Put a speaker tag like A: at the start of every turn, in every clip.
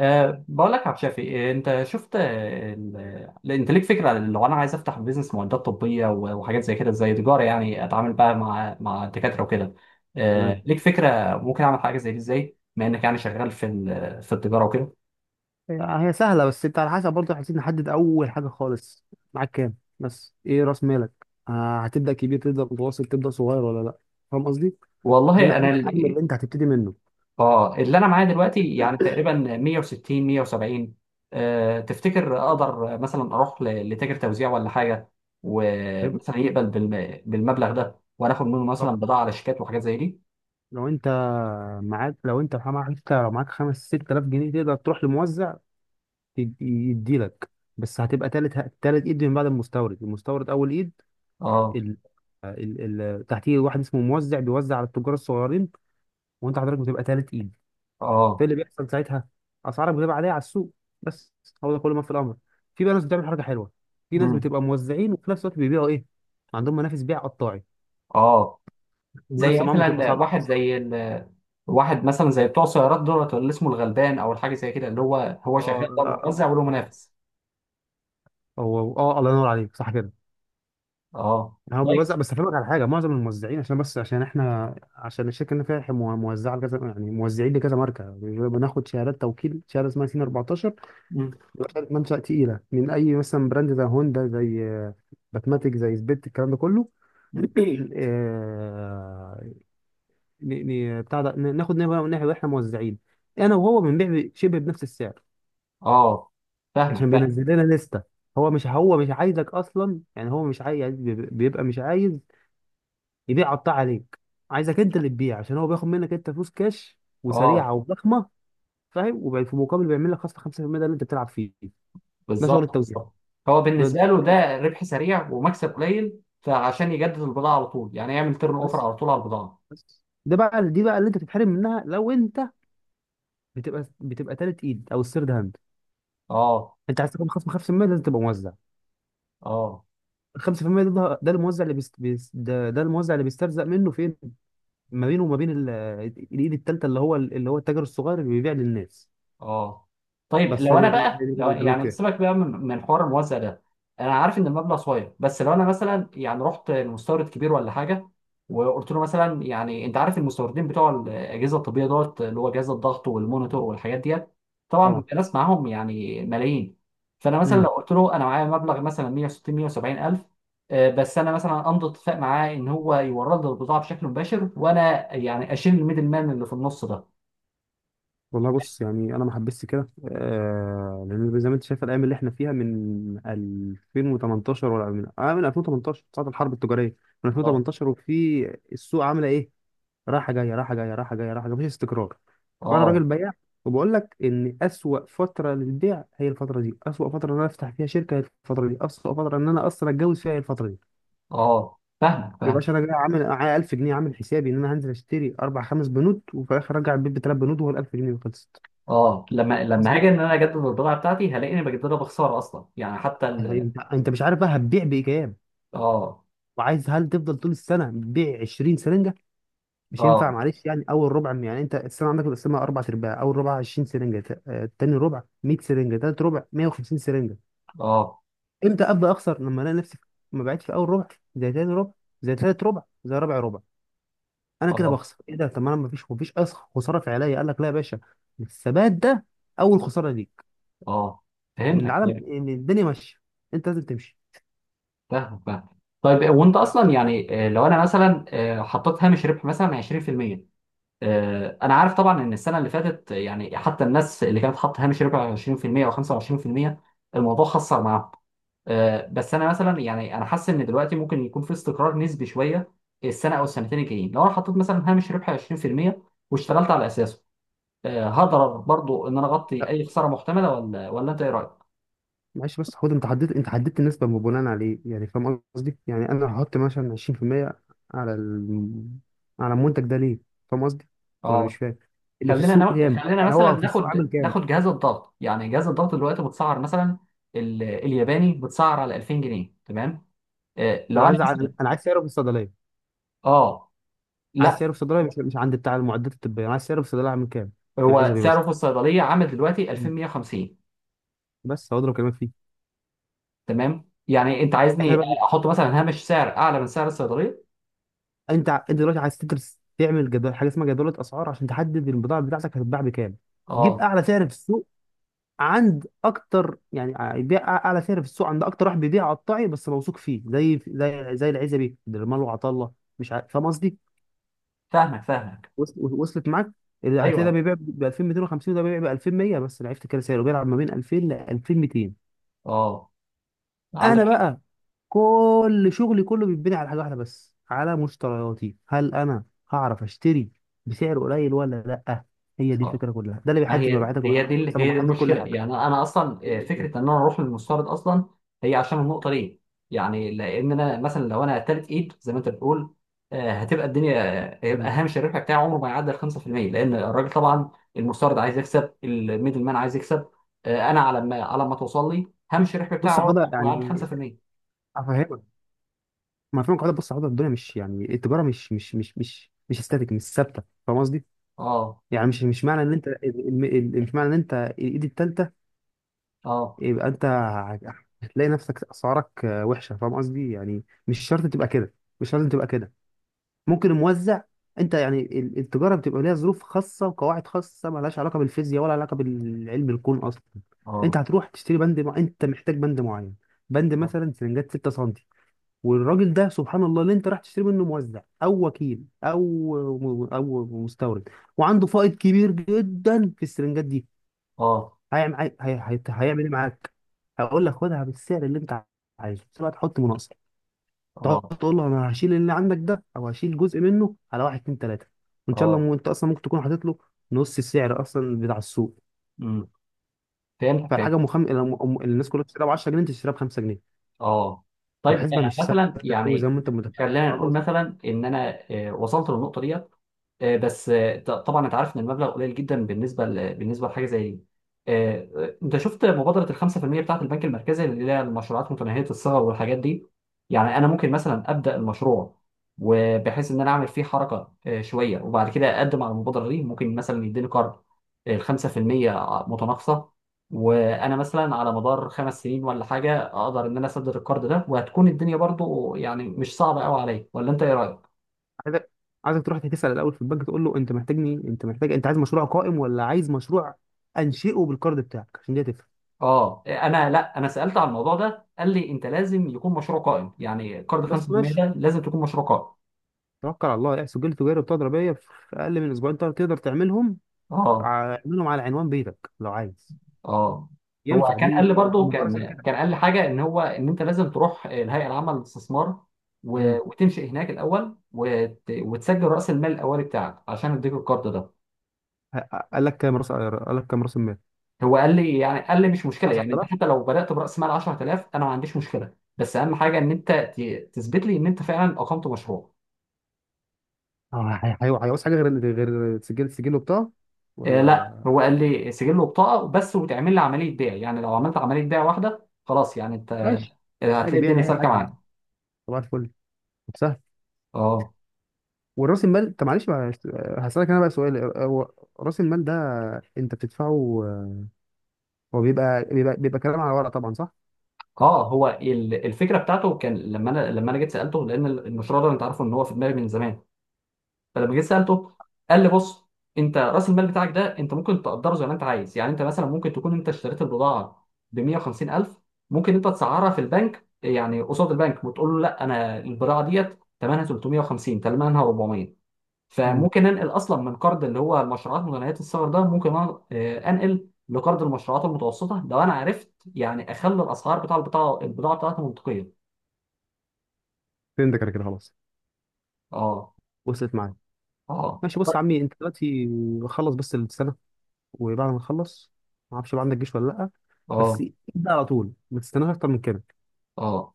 A: بقول لك يا عبد شافي، انت شفت، انت ليك فكره عن لو انا عايز افتح بيزنس معدات طبيه وحاجات زي كده زي تجاره، يعني اتعامل بقى مع دكاتره وكده.
B: تمام.
A: ليك فكره ممكن اعمل حاجه زي دي ازاي بما انك يعني شغال في التجاره وكده.
B: هي هي سهله، بس انت على حسب برضه عايزين نحدد اول حاجه خالص. معاك كام؟ بس ايه راس مالك؟ آه، هتبدا كبير، تبدا متوسط، تبدا صغير ولا لا؟ فاهم قصدي؟ عايزين
A: والله انا
B: نحدد الحجم
A: ال-
B: اللي انت هتبتدي منه.
A: اه، اللي انا معايا دلوقتي يعني تقريبا 160 170. أه تفتكر اقدر مثلا اروح لتاجر توزيع ولا حاجه؟
B: حلو.
A: ومثلا يقبل بالمبلغ ده وانا اخد منه مثلا
B: طب،
A: بضاعه على شيكات وحاجات زي دي.
B: لو انت معاك حتى لو معاك خمس ست آلاف جنيه، تقدر تروح لموزع يديلك. بس هتبقى تالت ايد، من بعد المستورد اول ايد.
A: اه.
B: ال... تحتيه واحد اسمه موزع، بيوزع على التجار الصغيرين، وانت حضرتك بتبقى تالت ايد. فايه
A: اه.
B: اللي بيحصل ساعتها؟ اسعارك بتبقى عاليه على السوق، بس. هو ده كل ما في الامر. في بقى ناس بتعمل حركه حلوه، في ناس
A: امم.
B: بتبقى موزعين وفي نفس الوقت بيبيعوا ايه؟ عندهم منافس بيع قطاعي.
A: اه. زي
B: المنافسه معاهم بتبقى
A: مثلا
B: صعبه قوي الصراحه.
A: واحد مثلا زي بتوع السيارات دولت اللي اسمه الغلبان او الحاجه زي كده، اللي هو هو شغال بره موزع
B: اه.
A: وله منافس.
B: هو اه، الله ينور عليك، صح كده.
A: اه،
B: يعني هو
A: طيب.
B: بيوزع، بس افهمك على حاجه. معظم الموزعين، عشان احنا، عشان الشركه اللي فيها موزعه لكذا، يعني موزعين لكذا ماركه، بناخد شهادات توكيل، شهاده اسمها سين 14.
A: مم.
B: دخلت منشأ تقيلة من أي مثلا براند، زي هوندا، زي باتماتيك، زي سبيت، الكلام ده كله.
A: مم.
B: آه، ن- ناخد نبرة من ناحية، واحنا موزعين، أنا وهو بنبيع شبه بنفس السعر،
A: اه، فاهمك
B: عشان
A: فاهم.
B: بينزل لنا لستة. هو مش عايزك أصلا، يعني هو مش عايز، بيبقى مش عايز يبيع قطاع عليك، عايزك أنت اللي تبيع، عشان هو بياخد منك أنت فلوس كاش
A: اه،
B: وسريعة وضخمة. فاهم؟ وفي مقابل بيعمل لك خصم 5%. ده اللي أنت بتلعب فيه. ده شغل
A: بالظبط
B: التوزيع.
A: بالظبط. هو
B: ده-
A: بالنسبه له
B: ده-
A: ده ربح سريع ومكسب قليل، فعشان يجدد البضاعه على طول يعني يعمل تيرن اوفر
B: بس
A: على طول على البضاعه.
B: بس ده بقى، دي بقى اللي انت تتحرم منها لو انت بتبقى تالت ايد، او الثيرد هاند.
A: اه.
B: انت عايز تكون خصم 5%، لازم تبقى موزع.
A: اه.
B: ال 5% ده، ده الموزع اللي بيست، ده ده الموزع اللي بيسترزق منه فين؟ ما بينه وما بين الايد التالتة، اللي هو اللي هو التاجر الصغير اللي بيبيع للناس.
A: اه، طيب.
B: بس
A: لو
B: هي دي
A: انا
B: هي دي
A: بقى،
B: اللي كنت
A: لو
B: بكلمك
A: يعني
B: فيها.
A: سيبك بقى من حوار الموزع ده، انا عارف ان المبلغ صغير، بس لو انا مثلا يعني رحت لمستورد كبير ولا حاجه، وقلت له مثلا، يعني انت عارف المستوردين بتوع الاجهزه الطبيه دوت، اللي هو جهاز الضغط والمونيتور والحاجات ديت، طبعا
B: اه.
A: بيبقى ناس معاهم يعني ملايين. فانا مثلا لو
B: امم.
A: قلت له انا معايا مبلغ مثلا 160 170 الف، بس انا مثلا امضي اتفاق معاه ان هو يورد لي البضاعه بشكل مباشر، وانا يعني اشيل الميدل مان اللي في النص ده.
B: والله بص، يعني انا ما حبستش كده، آه، لان زي ما انت شايف الايام اللي احنا فيها، من 2018، ولا من 2018، ساعه الحرب التجاريه، من
A: اه.
B: 2018، وفي السوق عامله ايه؟ رايحه جايه، مفيش استقرار. وانا راجل
A: اه.
B: بياع، وبقول لك ان اسوأ فتره للبيع هي الفتره دي، اسوأ فتره ان انا افتح فيها شركه هي الفتره دي، اسوأ فتره ان انا اصلا اتجوز فيها هي الفتره دي.
A: اه، فاهمك
B: ما
A: فاهم.
B: يبقاش انا جاي عامل معايا 1000 جنيه، عامل حسابي ان انا هنزل اشتري اربع خمس بنود، وفي الاخر ارجع البيت بثلاث بنود، وهو ال 1000 جنيه خلصت.
A: اه، لما
B: قصدي،
A: هاجي ان انا اجدد البضاعه بتاعتي، هلاقيني بجددها بخساره اصلا، يعني حتى ال...
B: انت مش عارف بقى هتبيع بايجاب،
A: اه.
B: وعايز، هل تفضل طول السنه بتبيع 20 سرنجه؟ مش ينفع.
A: اه.
B: معلش، يعني اول ربع، يعني انت السنه عندك القسمه اربع ارباع، اول ربع 20 سرنجه تاني ربع 100 سرنجه، تالت ربع 150 سرنجه.
A: اه.
B: امتى ابدا اخسر؟ لما الاقي نفسي ما بعتش في اول ربع، زي تاني ربع، زي تالت ربع، زي رابع ربع. انا كده
A: اه.
B: بخسر. ايه ده؟ طب ما انا ما فيش اصلا خساره فعليه. قال لك لا يا باشا، الثبات ده اول خساره ليك،
A: اه،
B: لان
A: فهمتك
B: العالم،
A: فهمتك.
B: ان الدنيا ماشيه، انت لازم تمشي.
A: فاهمك فاهم. طيب وانت اصلا يعني، لو انا مثلا حطيت هامش ربح مثلا 20%، انا عارف طبعا ان السنه اللي فاتت، يعني حتى الناس اللي كانت حاطه هامش ربح 20% او 25%، الموضوع خسر معاهم. بس انا مثلا يعني انا حاسس ان دلوقتي ممكن يكون في استقرار نسبي شويه السنه او السنتين الجايين. لو انا حطيت مثلا هامش ربح 20% واشتغلت على اساسه، هقدر برضو ان انا اغطي اي خساره محتمله ولا انت ايه رايك؟
B: معلش، بس خد، انت حددت النسبة بناء على ايه؟ يعني فاهم قصدي؟ يعني انا هحط مثلا 20% على على المنتج ده ليه؟ فاهم قصدي ولا مش
A: اه.
B: فاهم؟ اللي في السوق كام؟
A: خلينا
B: يعني
A: مثلا
B: هو في السوق
A: ناخد
B: عامل كام؟
A: ناخد جهاز الضغط، يعني جهاز الضغط دلوقتي متسعر مثلا الياباني متسعر على 2000 جنيه تمام؟
B: انا
A: لو انا
B: عايز ع-
A: مثلا.
B: انا عايز سعره في الصيدليه.
A: اه،
B: عايز
A: لا.
B: سعره في الصيدليه، مش عند بتاع المعدات الطبيه، انا عايز سعره في الصيدليه عامل كام. في
A: هو
B: العزبي
A: سعره في
B: مثلا.
A: الصيدليه عامل دلوقتي
B: مم.
A: 2150.
B: بس هو ده اللي بكلمك فيه.
A: تمام، يعني انت
B: احنا
A: عايزني
B: بقى،
A: احط مثلا هامش سعر اعلى من سعر الصيدليه.
B: انت دلوقتي عايز تدرس، تعمل جدول، حاجه اسمها جدوله اسعار، عشان تحدد البضاعه بتاعتك هتتباع بكام. جيب
A: اه،
B: اعلى سعر في السوق عند اكتر، يعني بيع اعلى سعر في السوق عند اكتر واحد بيبيع قطاعي بس موثوق فيه، زي زي العزبي، درمال، وعطله. مش عارف، فاهم قصدي؟
A: فاهمك فاهمك.
B: وصلت معاك. اللي هتلاقي ده
A: ايوه.
B: بيبيع ب 2250، وده بيبيع ب 2100، بس انا عرفت كده سعره بيلعب ما بين 2000 ل 2200.
A: اه، عندك
B: انا
A: حق.
B: بقى كل شغلي كله بيتبني على حاجه واحده بس، على مشترياتي. هل انا هعرف اشتري بسعر قليل ولا لا؟ هي دي
A: اه،
B: الفكره كلها. ده اللي
A: ما
B: بيحدد
A: هي
B: مبيعاتك، وبيحدد مكسبك،
A: هي دي
B: وبيحدد كل
A: المشكله،
B: حاجه.
A: يعني انا اصلا
B: تاني من كده.
A: فكره ان انا اروح للمستورد اصلا هي عشان النقطه دي. يعني لان انا مثلا لو انا تالت ايد زي ما انت بتقول، هتبقى الدنيا، هيبقى
B: مم.
A: هامش الربح بتاعي عمره ما يعدي ال 5%، لان الراجل طبعا المستورد عايز يكسب، الميدل مان عايز يكسب، انا على ما توصل لي هامش الربح
B: بص
A: بتاعي
B: يا
A: عمره
B: حوده،
A: ما يعدي
B: يعني
A: 5%.
B: افهمك، ما فاهم كده. بص حضرتك، الدنيا مش، يعني التجاره مش استاتيك، مش ثابته، فاهم قصدي؟
A: اه.
B: يعني مش معنى ان انت مش معنى ان انت الايد الثالثه،
A: اه.
B: يبقى انت هتلاقي نفسك اسعارك وحشه، فاهم قصدي؟ يعني مش شرط تبقى كده، مش لازم تبقى كده. ممكن الموزع، انت يعني التجاره بتبقى ليها ظروف خاصه وقواعد خاصه، مالهاش علاقه بالفيزياء ولا علاقه بالعلم الكون اصلا. انت
A: اه.
B: هتروح تشتري بند انت محتاج بند معين، بند
A: اه.
B: مثلا سرنجات 6 سم، والراجل ده سبحان الله، اللي انت راح تشتري منه، موزع او وكيل او مستورد، وعنده فائض كبير جدا في السرنجات دي.
A: اه.
B: هيعمل ايه معاك؟ هيقول لك خدها بالسعر اللي انت عايزه، بس بقى تحط مناقصه. تقعد
A: اه.
B: تقول له انا هشيل اللي عندك ده، او هشيل جزء منه على واحد اتنين تلاته، وان شاء الله،
A: اه.
B: انت اصلا ممكن تكون حاطط له نص السعر اصلا بتاع السوق.
A: امم. فهمت فهمت.
B: فالحاجه مخم... الناس كلها بتشتريها ب 10 جنيه، انت تشتريها ب 5 جنيه.
A: اه، طيب
B: فالحسبه مش
A: مثلا
B: ثابته قوي زي
A: يعني
B: ما انت متخيل،
A: خلينا نقول
B: فاهم؟
A: مثلا ان انا وصلت للنقطه ديت، طبعا انت عارف ان المبلغ قليل جدا بالنسبه بالنسبه لحاجه زي دي. انت شفت مبادره ال 5% بتاعت البنك المركزي، اللي هي المشروعات متناهيه الصغر والحاجات دي. يعني انا ممكن مثلا ابدا المشروع، وبحيث ان انا اعمل فيه حركه شويه، وبعد كده اقدم على المبادره دي، ممكن مثلا يديني قرض ال 5% متناقصه، وانا مثلا على مدار خمس سنين ولا حاجه اقدر ان انا اسدد القرض ده، وهتكون الدنيا برضو يعني مش صعبه قوي عليا، ولا انت ايه رايك؟
B: عايزك عايزك تروح تسال الاول في البنك، تقول له انت محتاجني، انت محتاج، انت عايز مشروع قائم ولا عايز مشروع انشئه بالكارد بتاعك، عشان دي هتفرق.
A: اه. انا لا، انا سالت على الموضوع ده قال لي انت لازم يكون مشروع قائم، يعني كارد
B: بس
A: 5%
B: ماشي،
A: ده لازم تكون مشروع قائم.
B: توكل على الله. يعني سجل تجاري، بطاقه ضريبيه، في اقل من اسبوعين تقدر تعملهم.
A: اه.
B: اعملهم على عنوان بيتك لو عايز،
A: اه. هو
B: ينفع
A: كان
B: دي
A: قال لي
B: تبقى
A: برضه،
B: مقر
A: كان
B: شركتك.
A: كان قال لي حاجه، ان هو ان انت لازم تروح الهيئه العامه للاستثمار،
B: امم.
A: وتنشئ هناك الاول وتسجل راس المال الاولي بتاعك عشان اديك الكارد ده.
B: ه- قال لك كام راس قال لك كام راس المال
A: هو قال لي يعني، قال لي مش مشكله، يعني انت
B: 10000.
A: حتى لو بدات براس مال 10000 انا ما عنديش مشكله، بس اهم حاجه ان انت تثبت لي ان انت فعلا اقمت مشروع.
B: اه، هيعوز حاجه غير، غير سجل وبطاقه،
A: آه
B: ولا؟
A: لا، هو قال لي سجل له بطاقه بس، وتعمل لي عمليه بيع، يعني لو عملت عمليه بيع واحده خلاص، يعني انت
B: ماشي.
A: هتلاقي
B: عادي، بيع
A: الدنيا
B: لاي
A: سالكه
B: حد يا عم،
A: معانا.
B: صباح الفل.
A: اه.
B: والراس المال، طب معلش بقى، هسألك انا بقى سؤال. هو راس المال ده انت بتدفعه؟ هو بيبقى كلام على ورق طبعا، صح؟
A: اه. هو الفكره بتاعته كان لما انا، لما انا جيت سالته، لان المشروع ده انت عارفه ان هو في دماغي من زمان، فلما جيت سالته قال لي بص، انت راس المال بتاعك ده انت ممكن تقدره زي ما انت عايز، يعني انت مثلا ممكن تكون انت اشتريت البضاعه ب 150000، ممكن انت تسعرها في البنك يعني قصاد البنك وتقول له لا، انا البضاعه ديت ثمنها 350 ثمنها 400،
B: امم.
A: فممكن ننقل اصلا من قرض اللي هو المشروعات متناهيه الصغر ده، ممكن انقل لقرض المشروعات المتوسطه لو انا عرفت يعني اخلي الاسعار بتاع البضاعه، البضاعه بتاعتي منطقيه.
B: فهمتك انا كده، خلاص،
A: اه.
B: وصلت معايا.
A: اه.
B: ماشي. بص يا عمي، انت دلوقتي خلص بس السنه، وبعد ما تخلص، ما اعرفش بقى عندك جيش ولا لا، بس
A: اه.
B: ابدا على طول، ما تستناش اكتر من كده.
A: اه،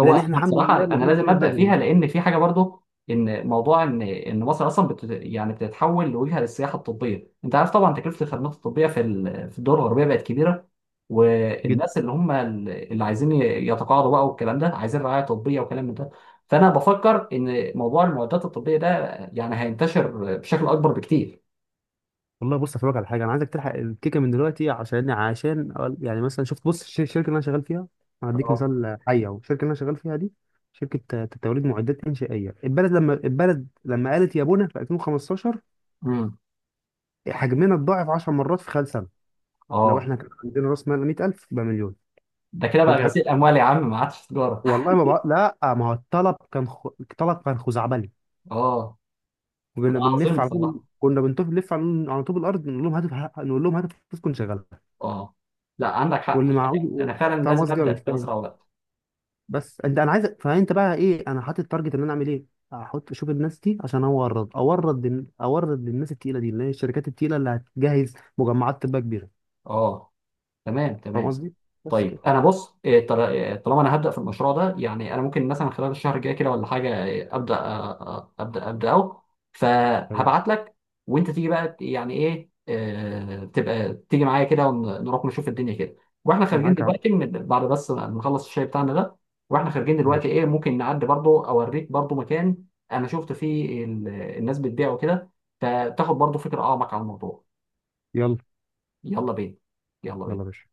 A: هو
B: لان احنا
A: انا
B: الحمد
A: بصراحه
B: لله
A: انا
B: المفروض
A: لازم
B: الدنيا
A: ابدا فيها،
B: مهاجمه
A: لان في حاجه برضو، ان موضوع ان مصر اصلا يعني بتتحول لوجهه للسياحه الطبيه. انت عارف طبعا تكلفه الخدمات الطبيه في الدول الغربيه بقت كبيره،
B: بقى.
A: والناس اللي هم اللي عايزين يتقاعدوا بقى والكلام ده، عايزين رعايه طبيه وكلام من ده. فانا بفكر ان موضوع المعدات الطبيه ده يعني هينتشر بشكل اكبر بكتير.
B: والله بص، افهمك على حاجه، انا عايزك تلحق الكيكه من دلوقتي، يعني مثلا شفت، بص الشركه اللي انا شغال فيها، هديك
A: اه.
B: مثال حي اهو. الشركه اللي انا شغال فيها دي، شركه توريد معدات انشائيه. البلد لما قالت يا بونا، في 2015
A: امم.
B: حجمنا اتضاعف 10 مرات في خلال سنه. لو
A: اه،
B: احنا كان عندنا راس مال 100000 يبقى مليون.
A: ده كده بقى
B: فهمت حاجه؟
A: غسيل اموال يا عم، ما عادش تجاره.
B: والله ما بقى لا، ما هو الطلب كان الطلب كان خزعبلي،
A: اه.
B: وكنا
A: لا،
B: بنلف
A: عظيم.
B: على طول، كنا بنلف، نلف على طوب الارض، نقول لهم هاتف، نقول لهم هاتف، فلوسكم شغاله،
A: اه. لا، عندك حق.
B: واللي معهوش.
A: انا فعلا
B: فاهم
A: لازم
B: قصدي ولا مش
A: ابدا
B: فاهم؟
A: باسرع وقت.
B: بس انت، انا عايز، فانت بقى ايه، انا حاطط التارجت ان انا اعمل ايه، احط اشوف الناس دي عشان اورد للناس التقيله دي، اللي هي الشركات التقيله اللي هتجهز مجمعات تبقى كبيره.
A: اه. تمام
B: فاهم
A: تمام.
B: قصدي؟ بس
A: طيب
B: كده.
A: انا بص، إيه، طل- إيه، طالما انا هبدا في المشروع ده، يعني انا ممكن مثلا خلال الشهر الجاي كده ولا حاجه ابدا، ابدا ابداه،
B: تمام.
A: فهبعت لك. وانت تيجي بقى يعني، ايه آه، تبقى تيجي معايا كده ونروح نشوف الدنيا كده، واحنا خارجين
B: معاك يا عم.
A: دلوقتي من بعد بس ما نخلص الشاي بتاعنا ده. واحنا خارجين دلوقتي
B: ماشي.
A: ايه، ممكن نعدي برضو اوريك برضو مكان انا شفت فيه الناس بتبيعه كده، فتاخد برضو فكره اعمق عن الموضوع.
B: يلا
A: يلا بينا. يلا
B: يلا يا
A: بينا.
B: باشا.